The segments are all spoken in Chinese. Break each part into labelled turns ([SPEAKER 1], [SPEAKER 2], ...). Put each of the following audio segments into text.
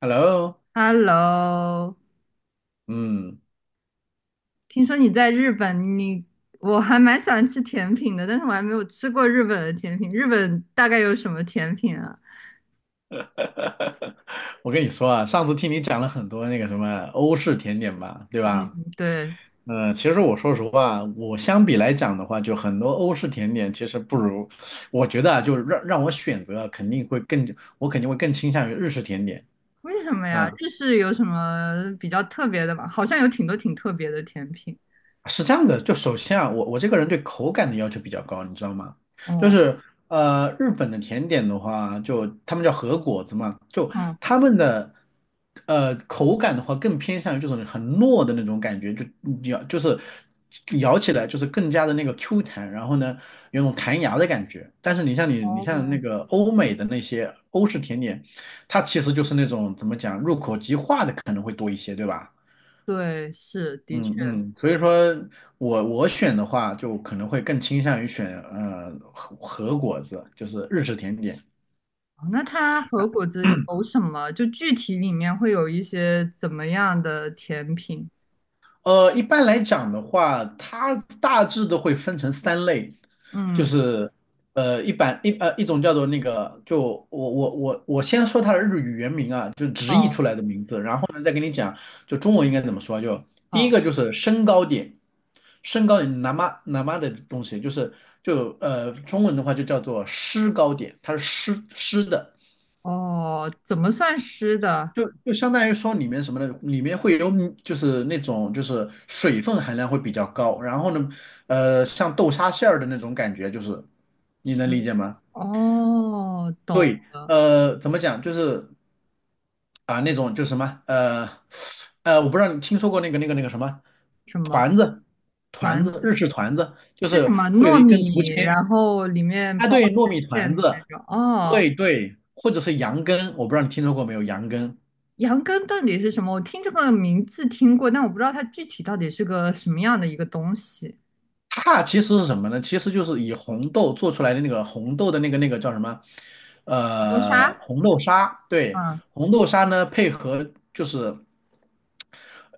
[SPEAKER 1] Hello，
[SPEAKER 2] Hello，
[SPEAKER 1] 嗯，
[SPEAKER 2] 听说你在日本，你我还蛮喜欢吃甜品的，但是我还没有吃过日本的甜品。日本大概有什么甜品啊？
[SPEAKER 1] 我跟你说啊，上次听你讲了很多那个什么欧式甜点吧，对
[SPEAKER 2] 嗯，
[SPEAKER 1] 吧？
[SPEAKER 2] 对，
[SPEAKER 1] 其实我说实话，我相比来讲的话，就很多欧式甜点其实不如，我觉得啊，就让我选择啊肯定会更，我肯定会更倾向于日式甜点。
[SPEAKER 2] 为什么呀？
[SPEAKER 1] 嗯
[SPEAKER 2] 日式有什么比较特别的吗？好像有挺多挺特别的甜品。
[SPEAKER 1] 是这样子，就首先啊，我这个人对口感的要求比较高，你知道吗？就
[SPEAKER 2] 哦，
[SPEAKER 1] 是日本的甜点的话，就他们叫和果子嘛，就
[SPEAKER 2] 嗯，
[SPEAKER 1] 他们的口感的话，更偏向于这种很糯的那种感觉，就咬就是咬起来就是更加的那个 Q 弹，然后呢有种弹牙的感觉。但是你像那
[SPEAKER 2] 哦，
[SPEAKER 1] 个欧美的那些欧式甜点，它其实就是那种怎么讲入口即化的可能会多一些，对吧？
[SPEAKER 2] 对，是，的确。
[SPEAKER 1] 嗯嗯，所以说我选的话，就可能会更倾向于选和果子，就是日式甜点。
[SPEAKER 2] 哦那它和果子有什么？就具体里面会有一些怎么样的甜品？
[SPEAKER 1] 一般来讲的话，它大致都会分成三类，就
[SPEAKER 2] 嗯，
[SPEAKER 1] 是呃一版一呃一种叫做那个，就我先说它的日语原名啊，就直译
[SPEAKER 2] 哦，
[SPEAKER 1] 出来的名字，然后呢再跟你讲就中文应该怎么说啊，就第一
[SPEAKER 2] 好，
[SPEAKER 1] 个就是身高点，身高点 nama n a 的东西，就是就中文的话就叫做诗高点，它是诗诗的。
[SPEAKER 2] 哦，怎么算湿的？
[SPEAKER 1] 就相当于说里面什么呢？里面会有米就是那种就是水分含量会比较高，然后呢，像豆沙馅儿的那种感觉，就是你能理
[SPEAKER 2] 是
[SPEAKER 1] 解吗？
[SPEAKER 2] 哦，懂
[SPEAKER 1] 对，怎么讲？就是啊、那种就是什么，我不知道你听说过那个那个那个什么
[SPEAKER 2] 什么
[SPEAKER 1] 团子，团
[SPEAKER 2] 团
[SPEAKER 1] 子
[SPEAKER 2] 子
[SPEAKER 1] 日式团子，就
[SPEAKER 2] 是什
[SPEAKER 1] 是
[SPEAKER 2] 么
[SPEAKER 1] 会有
[SPEAKER 2] 糯
[SPEAKER 1] 一根竹
[SPEAKER 2] 米，
[SPEAKER 1] 签
[SPEAKER 2] 然后里面
[SPEAKER 1] 啊，
[SPEAKER 2] 包
[SPEAKER 1] 对，糯米
[SPEAKER 2] 馅
[SPEAKER 1] 团
[SPEAKER 2] 的那
[SPEAKER 1] 子，
[SPEAKER 2] 种。
[SPEAKER 1] 对
[SPEAKER 2] 哦，
[SPEAKER 1] 对，或者是羊羹，我不知道你听说过没有羊羹。
[SPEAKER 2] 羊羹到底是什么？我听这个名字听过，但我不知道它具体到底是个什么样的一个东西。
[SPEAKER 1] 它其实是什么呢？其实就是以红豆做出来的那个红豆的那个那个叫什么？
[SPEAKER 2] 磨砂，
[SPEAKER 1] 红豆沙。对，
[SPEAKER 2] 嗯，
[SPEAKER 1] 红豆沙呢，配合就是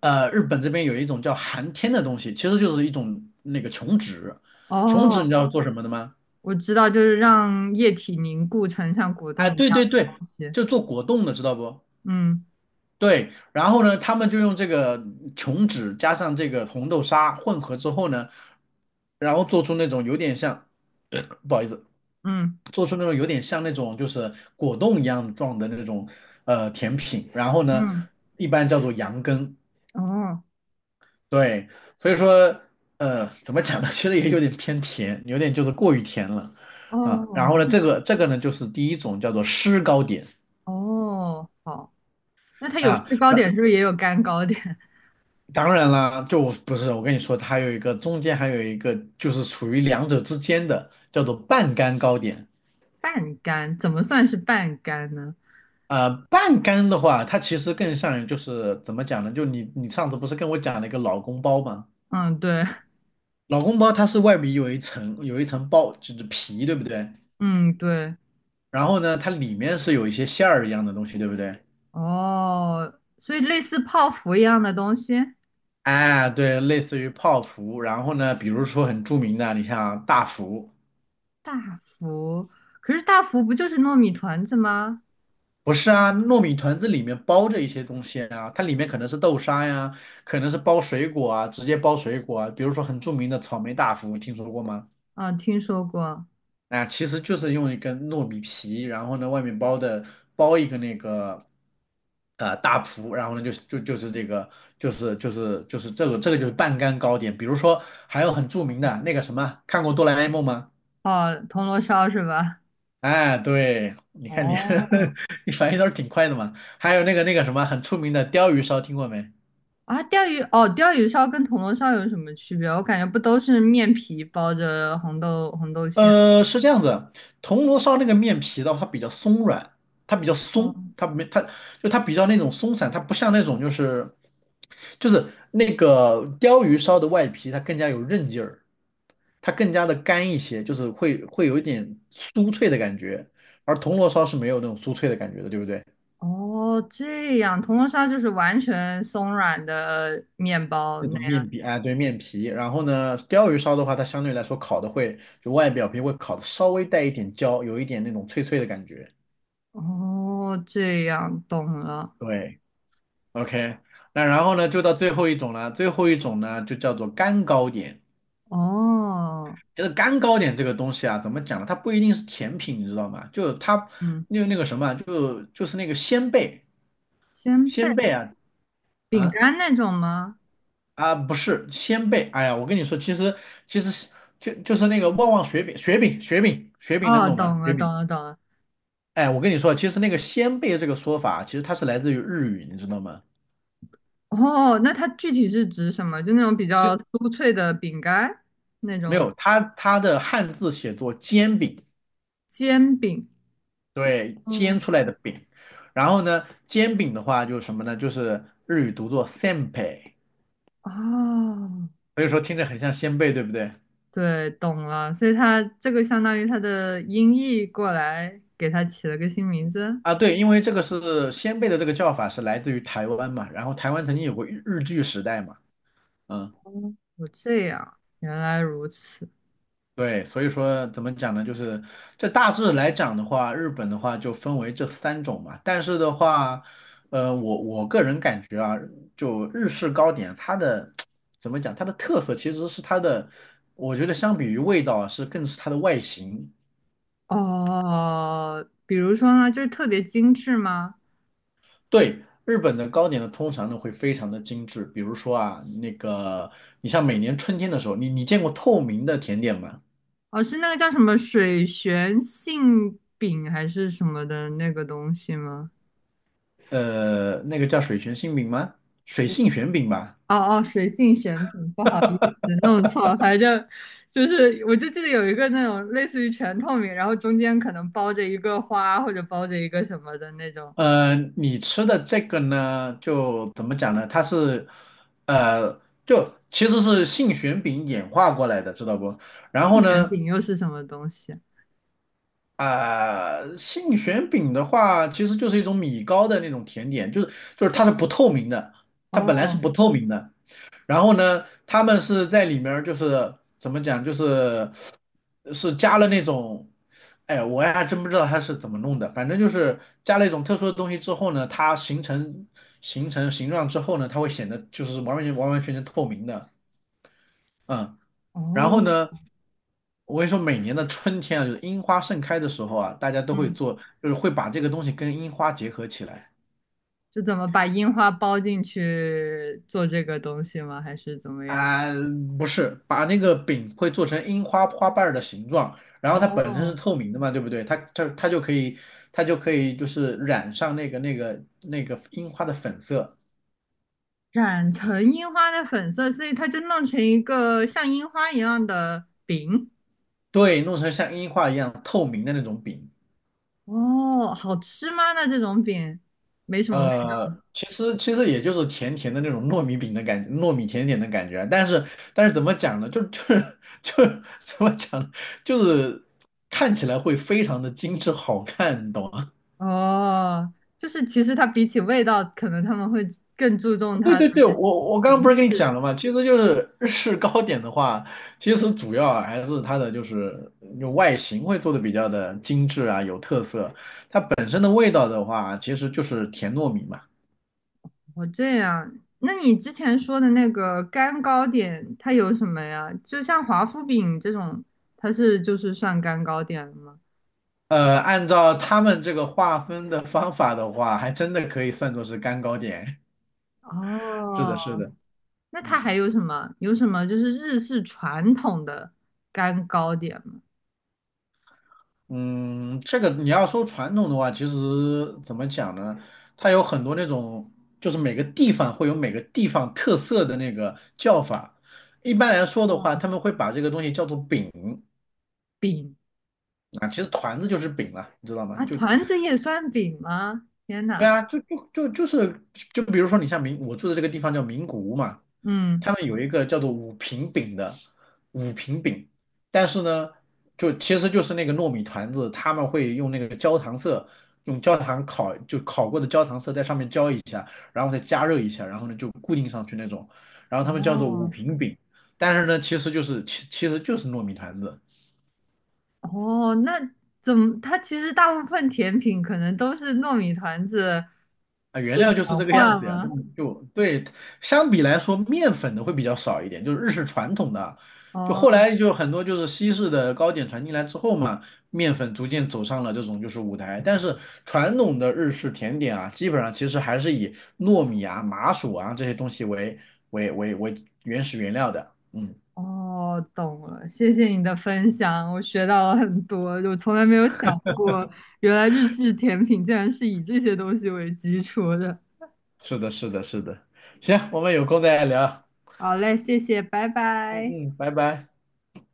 [SPEAKER 1] 日本这边有一种叫寒天的东西，其实就是一种那个琼脂。琼脂你
[SPEAKER 2] 哦，
[SPEAKER 1] 知道做什么的吗？
[SPEAKER 2] 我知道，就是让液体凝固成像果冻
[SPEAKER 1] 哎，
[SPEAKER 2] 一
[SPEAKER 1] 对
[SPEAKER 2] 样
[SPEAKER 1] 对
[SPEAKER 2] 的
[SPEAKER 1] 对，
[SPEAKER 2] 东西。
[SPEAKER 1] 就做果冻的，知道不？
[SPEAKER 2] 嗯
[SPEAKER 1] 对，然后呢，他们就用这个琼脂加上这个红豆沙混合之后呢，然后做出那种有点像，不好意思。
[SPEAKER 2] 嗯
[SPEAKER 1] 做出那种有点像那种就是果冻一样状的那种甜品，然后呢，
[SPEAKER 2] 嗯，
[SPEAKER 1] 一般叫做羊羹，
[SPEAKER 2] 哦
[SPEAKER 1] 对，所以说怎么讲呢，其实也有点偏甜，有点就是过于甜了啊。然
[SPEAKER 2] 哦，
[SPEAKER 1] 后呢，
[SPEAKER 2] 这
[SPEAKER 1] 这个呢就是第一种叫做湿糕点
[SPEAKER 2] 哦好，那它有
[SPEAKER 1] 啊，
[SPEAKER 2] 制高点，是不是也有干糕点？
[SPEAKER 1] 当然啦，就我不是我跟你说，它还有一个中间还有一个就是处于两者之间的叫做半干糕点。
[SPEAKER 2] 半干，怎么算是半干呢？
[SPEAKER 1] 半干的话，它其实更像于就是怎么讲呢？就你上次不是跟我讲了一个老公包吗？
[SPEAKER 2] 嗯，对，
[SPEAKER 1] 老公包它是外面有一层包，就是皮，对不对？
[SPEAKER 2] 嗯，对，
[SPEAKER 1] 然后呢，它里面是有一些馅儿一样的东西，对不对？
[SPEAKER 2] 哦，所以类似泡芙一样的东西，
[SPEAKER 1] 哎，对，类似于泡芙。然后呢，比如说很著名的，你像大福，
[SPEAKER 2] 大福，可是大福不就是糯米团子吗？
[SPEAKER 1] 不是啊，糯米团子里面包着一些东西啊，它里面可能是豆沙呀，可能是包水果啊，直接包水果啊。比如说很著名的草莓大福，听说过吗？
[SPEAKER 2] 啊，听说过，
[SPEAKER 1] 啊，其实就是用一根糯米皮，然后呢外面包的包一个那个大蒲，然后呢就是就就是这个就是就是就是这个这个就是半干糕点。比如说还有很著名的那个什么，看过哆啦 A 梦吗？
[SPEAKER 2] 哦，铜锣烧是吧？
[SPEAKER 1] 哎，对，你看你
[SPEAKER 2] 哦，
[SPEAKER 1] 你反应倒是挺快的嘛。还有那个那个什么很出名的鲷鱼烧，听过没？
[SPEAKER 2] 啊，钓鱼，哦，钓鱼烧跟铜锣烧有什么区别？我感觉不都是面皮包着红豆红豆馅？
[SPEAKER 1] 是这样子，铜锣烧那个面皮的话，它比较松软，它比较松，
[SPEAKER 2] 哦，
[SPEAKER 1] 它没它就它比较那种松散，它不像那种就是那个鲷鱼烧的外皮，它更加有韧劲儿，它更加的干一些，就是会会有一点酥脆的感觉，而铜锣烧是没有那种酥脆的感觉的，对不对？
[SPEAKER 2] 哦，这样，铜锣烧就是完全松软的面包，
[SPEAKER 1] 那种面皮，哎，对，面皮。然后呢，鲷鱼烧的话，它相对来说烤的会，就外表皮会烤的稍微带一点焦，有一点那种脆脆的感觉。
[SPEAKER 2] 哦，这样懂了。
[SPEAKER 1] 对。OK，那然后呢，就到最后一种了。最后一种呢，就叫做干糕点。
[SPEAKER 2] 哦，
[SPEAKER 1] 就是干糕点这个东西啊，怎么讲呢？它不一定是甜品，你知道吗？就是它
[SPEAKER 2] 嗯，
[SPEAKER 1] 那个什么啊，就就是那个鲜贝，
[SPEAKER 2] 鲜
[SPEAKER 1] 鲜贝
[SPEAKER 2] 贝
[SPEAKER 1] 啊
[SPEAKER 2] 饼
[SPEAKER 1] 啊
[SPEAKER 2] 干那种吗？
[SPEAKER 1] 啊，不是鲜贝。哎呀，我跟你说，其实就是那个旺旺雪饼，雪饼雪饼雪饼，能
[SPEAKER 2] 哦，
[SPEAKER 1] 懂吗？
[SPEAKER 2] 懂
[SPEAKER 1] 雪
[SPEAKER 2] 了，
[SPEAKER 1] 饼。
[SPEAKER 2] 懂了，懂了。
[SPEAKER 1] 哎，我跟你说，其实那个鲜贝这个说法啊，其实它是来自于日语，你知道吗？
[SPEAKER 2] 哦，那它具体是指什么？就那种比
[SPEAKER 1] 就
[SPEAKER 2] 较酥脆的饼干，那
[SPEAKER 1] 没
[SPEAKER 2] 种
[SPEAKER 1] 有，它的汉字写作煎饼。
[SPEAKER 2] 煎饼。
[SPEAKER 1] 对，
[SPEAKER 2] 嗯，
[SPEAKER 1] 煎出来的饼。然后呢，煎饼的话就是什么呢？就是日语读作 senpai，
[SPEAKER 2] 哦，
[SPEAKER 1] 所以说听着很像鲜贝，对不对？
[SPEAKER 2] 对，懂了。所以它这个相当于它的音译过来，给它起了个新名字。
[SPEAKER 1] 啊，对，因为这个是鲜贝的这个叫法是来自于台湾嘛，然后台湾曾经有过日据时代嘛，嗯。
[SPEAKER 2] 哦，这样，原来如此。
[SPEAKER 1] 对，所以说怎么讲呢？就是这大致来讲的话，日本的话就分为这三种嘛。但是的话，我个人感觉啊，就日式糕点，它的 怎么讲，它的特色其实是它的，我觉得相比于味道啊是更是它的外形。
[SPEAKER 2] 哦，比如说呢，就是特别精致吗？
[SPEAKER 1] 对，日本的糕点呢，通常呢会非常的精致，比如说啊，那个你像每年春天的时候，你见过透明的甜点吗？
[SPEAKER 2] 哦，是那个叫什么水旋馅饼还是什么的那个东西吗？
[SPEAKER 1] 那个叫水泉杏饼吗？水性玄饼吧。
[SPEAKER 2] 哦哦，水性旋饼，不好意思，弄错了。反正就是，我就记得有一个那种类似于全透明，然后中间可能包着一个花或者包着一个什么的那种。
[SPEAKER 1] 你吃的这个呢，就怎么讲呢？它是，呃，就其实是杏仁饼演化过来的，知道不？然
[SPEAKER 2] 杏
[SPEAKER 1] 后
[SPEAKER 2] 旋
[SPEAKER 1] 呢，
[SPEAKER 2] 饼又是什么东西？
[SPEAKER 1] 杏仁饼的话，其实就是一种米糕的那种甜点，就是就是它是不透明的，它本来是
[SPEAKER 2] 哦
[SPEAKER 1] 不透明的，然后呢，他们是在里面儿就是怎么讲，就是是加了那种，哎，我还真不知道他是怎么弄的，反正就是加了一种特殊的东西之后呢，它形成形状之后呢，它会显得就是完完全全透明的，嗯，然后
[SPEAKER 2] 哦，
[SPEAKER 1] 呢。我跟你说，每年的春天啊，就是樱花盛开的时候啊，大家都会
[SPEAKER 2] 嗯，
[SPEAKER 1] 做，就是会把这个东西跟樱花结合起来。
[SPEAKER 2] 是怎么把樱花包进去做这个东西吗？还是怎么样？
[SPEAKER 1] 啊、不是，把那个饼会做成樱花花瓣儿的形状，然后它本身是
[SPEAKER 2] 哦
[SPEAKER 1] 透明的嘛，对不对？它就可以就是染上那个那个那个樱花的粉色，
[SPEAKER 2] 染成樱花的粉色，所以它就弄成一个像樱花一样的饼。
[SPEAKER 1] 对，弄成像樱花一样透明的那种饼。
[SPEAKER 2] 哦，好吃吗？那这种饼没什么味
[SPEAKER 1] 其实也就是甜甜的那种糯米饼的感觉，糯米甜点的感觉啊。但是怎么讲呢？怎么讲呢就是看起来会非常的精致好看，你懂吗？
[SPEAKER 2] 道哦，就是其实它比起味道，可能他们会更注重
[SPEAKER 1] 对
[SPEAKER 2] 它的
[SPEAKER 1] 对对，我刚刚不是
[SPEAKER 2] 形
[SPEAKER 1] 跟你讲
[SPEAKER 2] 式。
[SPEAKER 1] 了吗？其实就是日式糕点的话，其实主要还是它的就是有外形会做的比较的精致啊，有特色。它本身的味道的话，其实就是甜糯米嘛。
[SPEAKER 2] 哦，这样。那你之前说的那个干糕点，它有什么呀？就像华夫饼这种，它是就是算干糕点了吗？
[SPEAKER 1] 按照他们这个划分的方法的话，还真的可以算作是干糕点。是
[SPEAKER 2] 哦，
[SPEAKER 1] 的，是的，
[SPEAKER 2] 那它
[SPEAKER 1] 嗯。
[SPEAKER 2] 还有什么？有什么就是日式传统的干糕点吗？
[SPEAKER 1] 嗯，这个你要说传统的话，其实怎么讲呢？它有很多那种，就是每个地方会有每个地方特色的那个叫法。一般来说的话，
[SPEAKER 2] 嗯，
[SPEAKER 1] 他们会把这个东西叫做饼
[SPEAKER 2] 饼
[SPEAKER 1] 啊，其实团子就是饼了，你知道吗？
[SPEAKER 2] 啊，
[SPEAKER 1] 就
[SPEAKER 2] 团子也算饼吗？天
[SPEAKER 1] 对
[SPEAKER 2] 呐，
[SPEAKER 1] 啊，就比如说你像名，我住的这个地方叫名古屋嘛，
[SPEAKER 2] 嗯，
[SPEAKER 1] 他们有一个叫做五平饼的五平饼，但是呢，就其实就是那个糯米团子，他们会用那个焦糖色，用焦糖烤，就烤过的焦糖色在上面浇一下，然后再加热一下，然后呢就固定上去那种，然后他们叫做五
[SPEAKER 2] 哦，
[SPEAKER 1] 平饼，但是呢其实就是其实就是糯米团子。
[SPEAKER 2] 哦，那怎么？它其实大部分甜品可能都是糯米团子
[SPEAKER 1] 啊，原料就是
[SPEAKER 2] 氧
[SPEAKER 1] 这个样
[SPEAKER 2] 化
[SPEAKER 1] 子呀，那
[SPEAKER 2] 吗？
[SPEAKER 1] 么就对，相比来说，面粉的会比较少一点，就是日式传统的，就后
[SPEAKER 2] 哦
[SPEAKER 1] 来就很多就是西式的糕点传进来之后嘛，面粉逐渐走上了这种就是舞台，但是传统的日式甜点啊，基本上其实还是以糯米啊、麻薯啊这些东西为原始原料的，嗯，
[SPEAKER 2] 哦，懂了，谢谢你的分享，我学到了很多，我从来没有想过，原来日式甜品竟然是以这些东西为基础的。
[SPEAKER 1] 是的，是的，是的，行，我们有空再聊，
[SPEAKER 2] 好嘞，谢谢，拜
[SPEAKER 1] 嗯
[SPEAKER 2] 拜。
[SPEAKER 1] 嗯，拜拜。